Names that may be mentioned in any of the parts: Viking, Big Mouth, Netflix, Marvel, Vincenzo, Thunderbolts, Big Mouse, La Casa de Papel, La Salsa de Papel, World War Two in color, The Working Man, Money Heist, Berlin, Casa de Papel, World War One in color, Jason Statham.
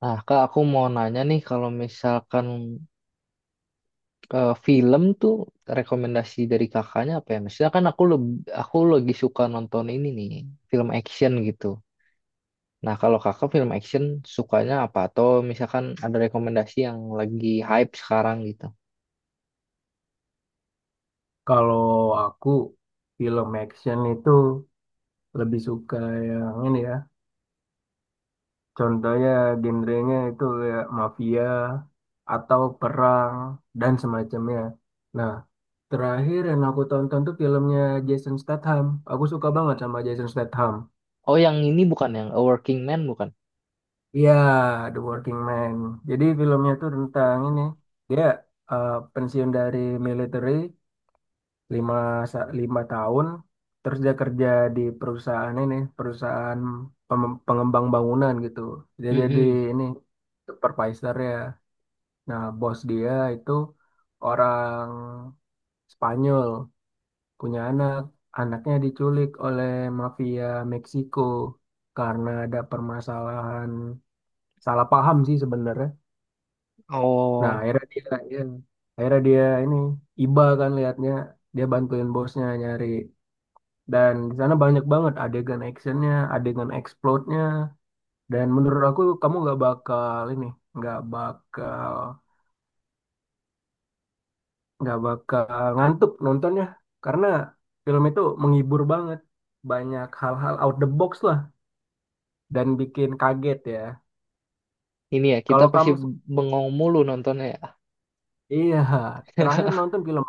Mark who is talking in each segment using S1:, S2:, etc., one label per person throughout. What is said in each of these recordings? S1: Nah, Kak, aku mau nanya nih, kalau misalkan film tuh rekomendasi dari kakaknya apa ya? Misalnya kan aku lebih, aku lagi suka nonton ini nih, film action gitu. Nah, kalau kakak film action sukanya apa? Atau misalkan ada rekomendasi yang lagi hype sekarang gitu.
S2: Kalau aku film action itu lebih suka yang ini ya. Contohnya genrenya itu kayak mafia atau perang dan semacamnya. Nah, terakhir yang aku tonton tuh filmnya Jason Statham. Aku suka banget sama Jason Statham.
S1: Oh, yang ini bukan yang A Working Man bukan?
S2: Iya, The Working Man. Jadi filmnya tuh tentang ini. Dia pensiun dari military lima 5 tahun, terus dia kerja di perusahaan ini, perusahaan pengembang bangunan gitu, dia jadi
S1: Mm-mm.
S2: ini supervisor ya. Nah, bos dia itu orang Spanyol, punya anak, anaknya diculik oleh mafia Meksiko karena ada permasalahan, salah paham sih sebenarnya. Nah,
S1: Oh,
S2: akhirnya dia, ya, akhirnya dia ini iba kan liatnya, dia bantuin bosnya nyari. Dan di sana banyak banget adegan actionnya, adegan explode-nya. Dan menurut aku kamu nggak bakal ini, nggak bakal nggak bakal ngantuk nontonnya, karena film itu menghibur banget, banyak hal-hal out the box lah, dan bikin kaget ya.
S1: ini ya, kita
S2: Kalau
S1: pasti
S2: kamu,
S1: bengong mulu nontonnya ya.
S2: iya, terakhir nonton film.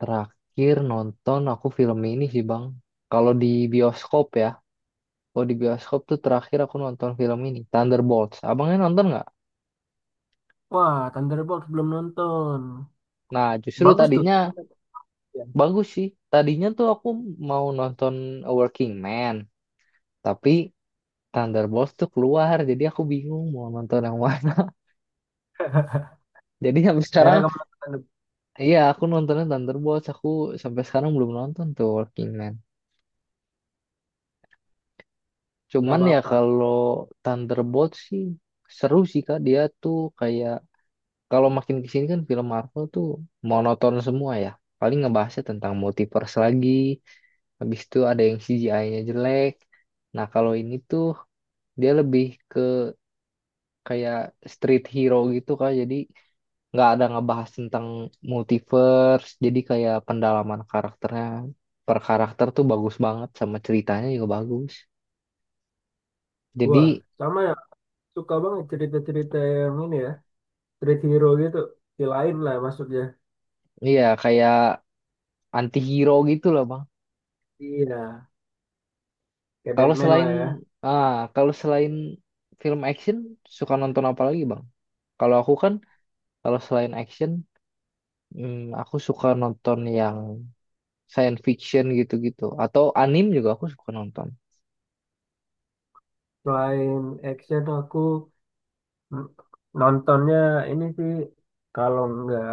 S1: Terakhir nonton aku film ini sih, Bang. Kalau di bioskop ya. Oh di bioskop tuh terakhir aku nonton film ini Thunderbolts. Abangnya nonton nggak?
S2: Wah, Thunderbolts belum nonton,
S1: Nah justru
S2: bagus tuh.
S1: tadinya
S2: Gimana tuh? Ya.
S1: bagus sih. Tadinya tuh aku mau nonton A Working Man, tapi Thunderbolts tuh keluar, jadi aku bingung mau nonton yang mana. Jadi sampai sekarang,
S2: Akhirnya kamu nonton.
S1: iya aku nontonnya Thunderbolts. Aku sampai sekarang belum nonton tuh Working Man.
S2: Nggak
S1: Cuman ya
S2: apa-apa.
S1: kalau Thunderbolts sih seru sih kak. Dia tuh kayak kalau makin kesini kan film Marvel tuh monoton semua ya. Paling ngebahasnya tentang multiverse lagi, habis itu ada yang CGI-nya jelek. Nah kalau ini tuh dia lebih ke kayak street hero gitu kan, jadi nggak ada ngebahas tentang multiverse, jadi kayak pendalaman karakternya per karakter tuh bagus banget sama ceritanya juga bagus. Jadi
S2: Wah, sama ya, suka banget cerita-cerita yang ini ya. Street hero gitu, di lain lah maksudnya.
S1: iya kayak anti hero gitu loh bang.
S2: Iya, kayak
S1: Kalau
S2: Batman
S1: selain
S2: lah ya.
S1: kalau selain film action suka nonton apa lagi bang? Kalau aku kan kalau selain action, aku suka nonton yang science fiction gitu-gitu atau anim juga aku suka nonton.
S2: Selain action aku n- nontonnya ini sih, kalau nggak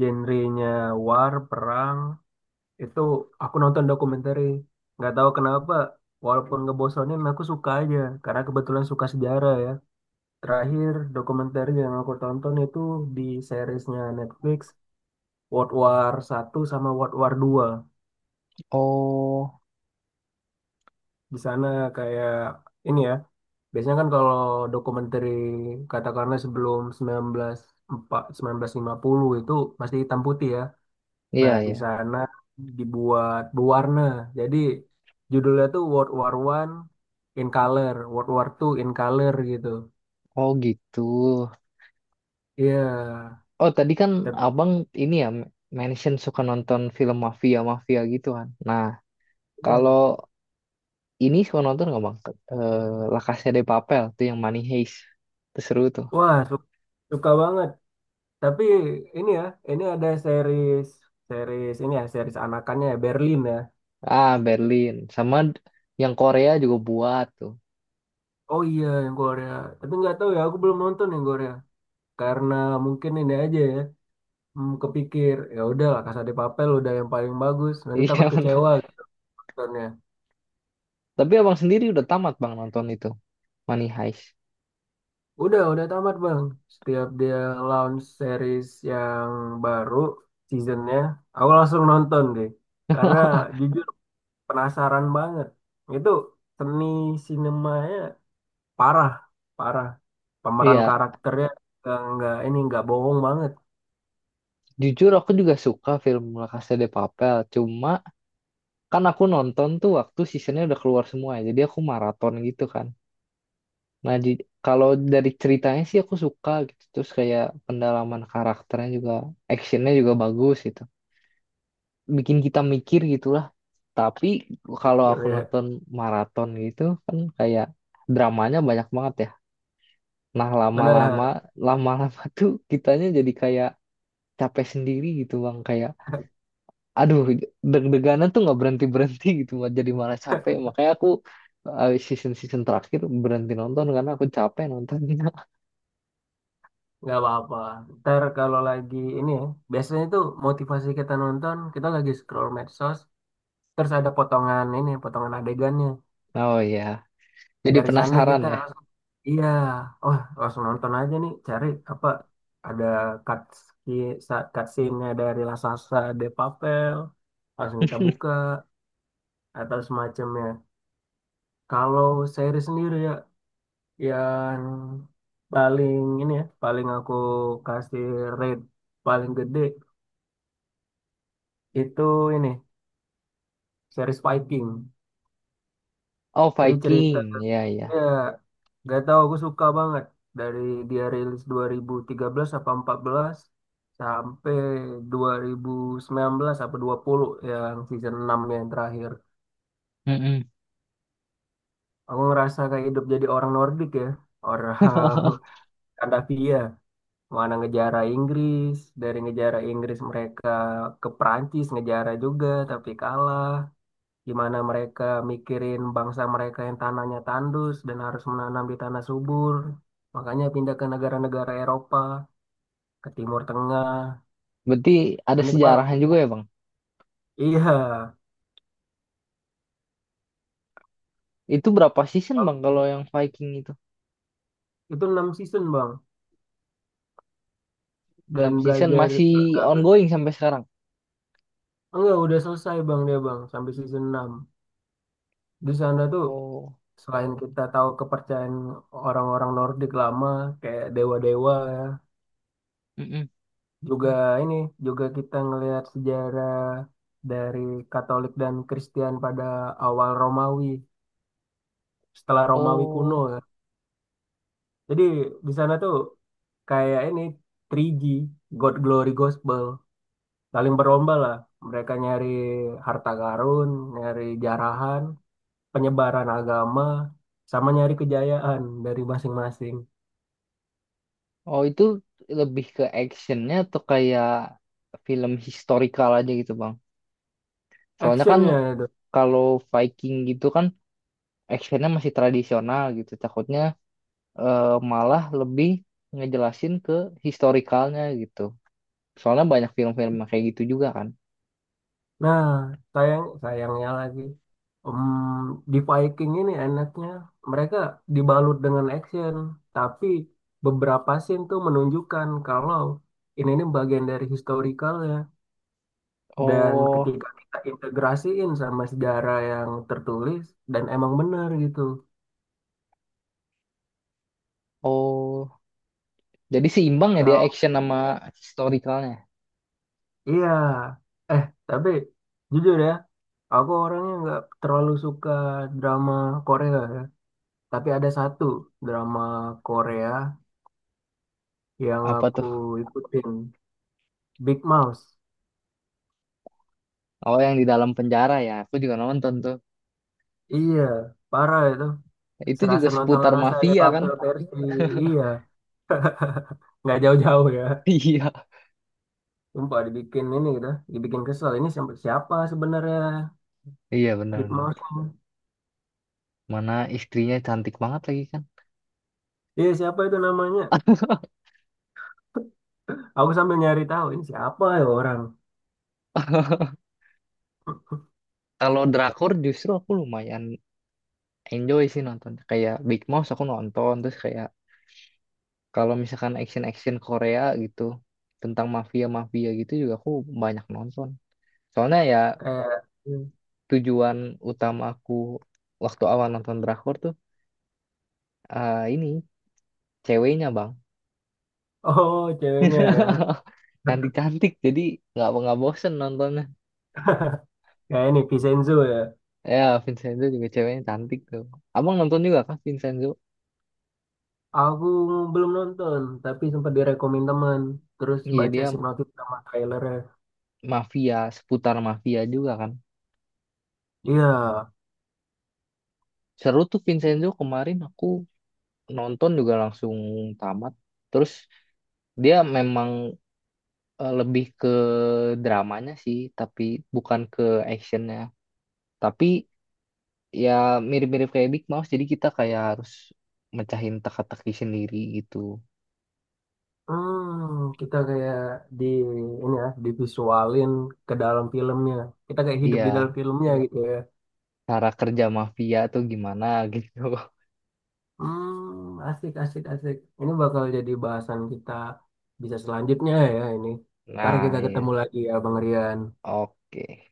S2: genrenya war, perang itu, aku nonton dokumenter. Nggak tahu kenapa, walaupun ngebosonin aku suka aja karena kebetulan suka sejarah ya. Terakhir dokumenter yang aku tonton itu di seriesnya Netflix, World War 1 sama World War 2.
S1: Oh,
S2: Di sana kayak ini ya, biasanya kan kalau dokumenter katakanlah sebelum 1940, 1950 itu masih hitam putih ya.
S1: iya
S2: Nah, di
S1: iya.
S2: sana dibuat berwarna. Jadi judulnya tuh World War One in color, World War Two in color gitu.
S1: Oh gitu.
S2: Iya,
S1: Oh tadi kan
S2: tapi
S1: abang ini ya mention suka nonton film mafia mafia gitu kan. Nah
S2: iya.
S1: kalau ini suka nonton nggak bang? Eh, La Casa de Papel tuh yang Money Heist. Itu seru tuh.
S2: Wah, suka banget. Tapi ini ya, ini ada series, series ini ya, series anakannya ya, Berlin ya.
S1: Ah, Berlin. Sama yang Korea juga buat tuh.
S2: Oh iya, yang Korea. Tapi nggak tahu ya, aku belum nonton yang Korea, karena mungkin ini aja ya, hmm, kepikir ya udah lah, Casa de Papel udah yang paling bagus, nanti takut
S1: Iya,
S2: kecewa
S1: benar.
S2: gitu nontonnya.
S1: Tapi abang sendiri udah tamat bang nonton itu. Money Heist.
S2: Udah tamat bang. Setiap dia launch series yang baru, seasonnya aku langsung nonton deh, karena jujur penasaran banget. Itu seni sinemanya parah, parah pemeran
S1: Iya,
S2: karakternya. Nggak- ini Nggak bohong banget,
S1: jujur aku juga suka film La Casa de Papel. Cuma kan aku nonton tuh waktu seasonnya udah keluar semua ya. Jadi aku maraton gitu kan. Kalau dari ceritanya sih aku suka gitu. Terus kayak pendalaman karakternya juga, actionnya juga bagus gitu. Bikin kita mikir gitulah. Tapi kalau aku
S2: pikirnya
S1: nonton maraton gitu kan kayak dramanya banyak banget ya. Nah lama-lama,
S2: mana.
S1: lama-lama tuh kitanya jadi kayak capek sendiri gitu bang. Kayak aduh deg-deganan tuh nggak berhenti-berhenti gitu. Bang. Jadi malah capek. Makanya aku season-season terakhir berhenti nonton karena aku capek nontonnya.
S2: Nggak apa-apa. Ntar kalau lagi ini ya, biasanya tuh motivasi kita nonton, kita lagi scroll medsos, terus ada potongan ini, potongan adegannya.
S1: Oh iya, jadi
S2: Dari sana
S1: penasaran
S2: kita
S1: ya.
S2: langsung, iya, oh langsung nonton aja nih, cari apa, ada cut, cut scene-nya dari La Salsa de Papel, langsung kita buka, atau semacamnya. Kalau seri sendiri ya, yang paling ini ya, paling aku kasih rate paling gede, itu ini, series Viking.
S1: Oh
S2: Jadi cerita
S1: Viking, ya ya.
S2: ya, gak tahu, aku suka banget. Dari dia rilis 2013 apa 14 sampai 2019 apa dua puluh, yang season 6 yang terakhir.
S1: Mm-mm.
S2: Aku ngerasa kayak hidup jadi orang Nordik ya, orang Skandinavia. Mana ngejara Inggris, dari ngejara Inggris mereka ke Prancis ngejara juga tapi kalah. Gimana mereka mikirin bangsa mereka yang tanahnya tandus dan harus menanam di tanah subur. Makanya pindah ke negara-negara Eropa, ke Timur Tengah.
S1: Berarti ada
S2: Unik banget
S1: sejarahnya
S2: ya.
S1: juga ya bang.
S2: Iya.
S1: Itu berapa season
S2: Kalau-
S1: bang kalau yang Viking itu?
S2: Itu 6 season, Bang. Dan
S1: Enam season
S2: belajar,
S1: masih
S2: enggak,
S1: ongoing sampai sekarang.
S2: udah selesai, Bang, dia, Bang, sampai season 6. Di sana tuh
S1: Oh,
S2: selain kita tahu kepercayaan orang-orang Nordik lama kayak dewa-dewa ya,
S1: mm-mm.
S2: juga ini, juga kita ngelihat sejarah dari Katolik dan Kristen pada awal Romawi, setelah Romawi kuno
S1: Oh,
S2: ya. Jadi di sana tuh kayak ini, 3G, God Glory Gospel, saling berlomba lah mereka nyari harta karun, nyari jarahan, penyebaran agama, sama nyari kejayaan dari masing-masing.
S1: oh itu lebih ke actionnya atau kayak film historical aja gitu bang. Soalnya kan
S2: Actionnya itu,
S1: kalau Viking gitu kan actionnya masih tradisional gitu. Takutnya malah lebih ngejelasin ke historicalnya gitu. Soalnya banyak film-film yang kayak gitu juga kan.
S2: nah, sayang sayangnya lagi, em, di Viking ini enaknya mereka dibalut dengan action, tapi beberapa scene tuh menunjukkan kalau ini bagian dari historikalnya, dan
S1: Oh,
S2: ketika kita integrasiin sama sejarah yang tertulis, dan emang benar gitu.
S1: oh, jadi seimbang ya dia
S2: Kalau
S1: action sama historicalnya.
S2: iya, eh tapi jujur ya, aku orangnya nggak terlalu suka drama Korea ya. Tapi ada satu drama Korea yang
S1: Apa
S2: aku
S1: tuh?
S2: ikutin, Big Mouse.
S1: Oh, yang di dalam penjara ya. Aku juga nonton tuh.
S2: Iya, parah itu,
S1: Itu
S2: serasa
S1: juga
S2: nonton La
S1: seputar
S2: Casa de
S1: mafia kan?
S2: Papel versi. Iya, nggak jauh-jauh ya,
S1: Iya.
S2: sumpah dibikin ini gitu, dibikin kesel ini sampai siapa sebenarnya
S1: Iya,
S2: Big
S1: benar-benar.
S2: Mouse ini?
S1: Mana istrinya cantik banget lagi kan?
S2: Iya, siapa itu namanya, aku sambil nyari tahu ini siapa ya orang.
S1: Kalau drakor justru aku lumayan enjoy sih nonton. Kayak Big Mouse aku nonton. Terus kayak kalau misalkan action-action Korea gitu. Tentang mafia-mafia gitu juga aku banyak nonton. Soalnya ya
S2: Kayak,
S1: tujuan utama aku waktu awal nonton drakor tuh ini ceweknya bang.
S2: oh ceweknya ya,
S1: Cantik-cantik, jadi nggak bosen nontonnya.
S2: kayak ini Vincenzo ya.
S1: Ya, Vincenzo juga ceweknya cantik tuh. Abang nonton juga kan Vincenzo?
S2: Aku belum nonton tapi sempat direkomend teman, terus
S1: Iya,
S2: baca
S1: dia
S2: sinopsis sama trailernya.
S1: mafia, seputar mafia juga kan.
S2: Iya.
S1: Seru tuh Vincenzo kemarin aku nonton juga langsung tamat. Terus dia memang lebih ke dramanya sih, tapi bukan ke actionnya. Tapi ya mirip-mirip kayak Big Mouth, jadi kita kayak harus mecahin teka-teki sendiri gitu.
S2: Hmm, kita kayak di ini ya, divisualin ke dalam filmnya. Kita kayak hidup di dalam
S1: Iya,
S2: filmnya. Iya. Gitu ya.
S1: cara kerja mafia tuh gimana gitu.
S2: Hmm, asik, asik, asik. Ini bakal jadi bahasan kita bisa selanjutnya ya ini. Ntar
S1: Nah,
S2: kita
S1: iya.
S2: ketemu lagi ya, Bang Rian.
S1: Oke.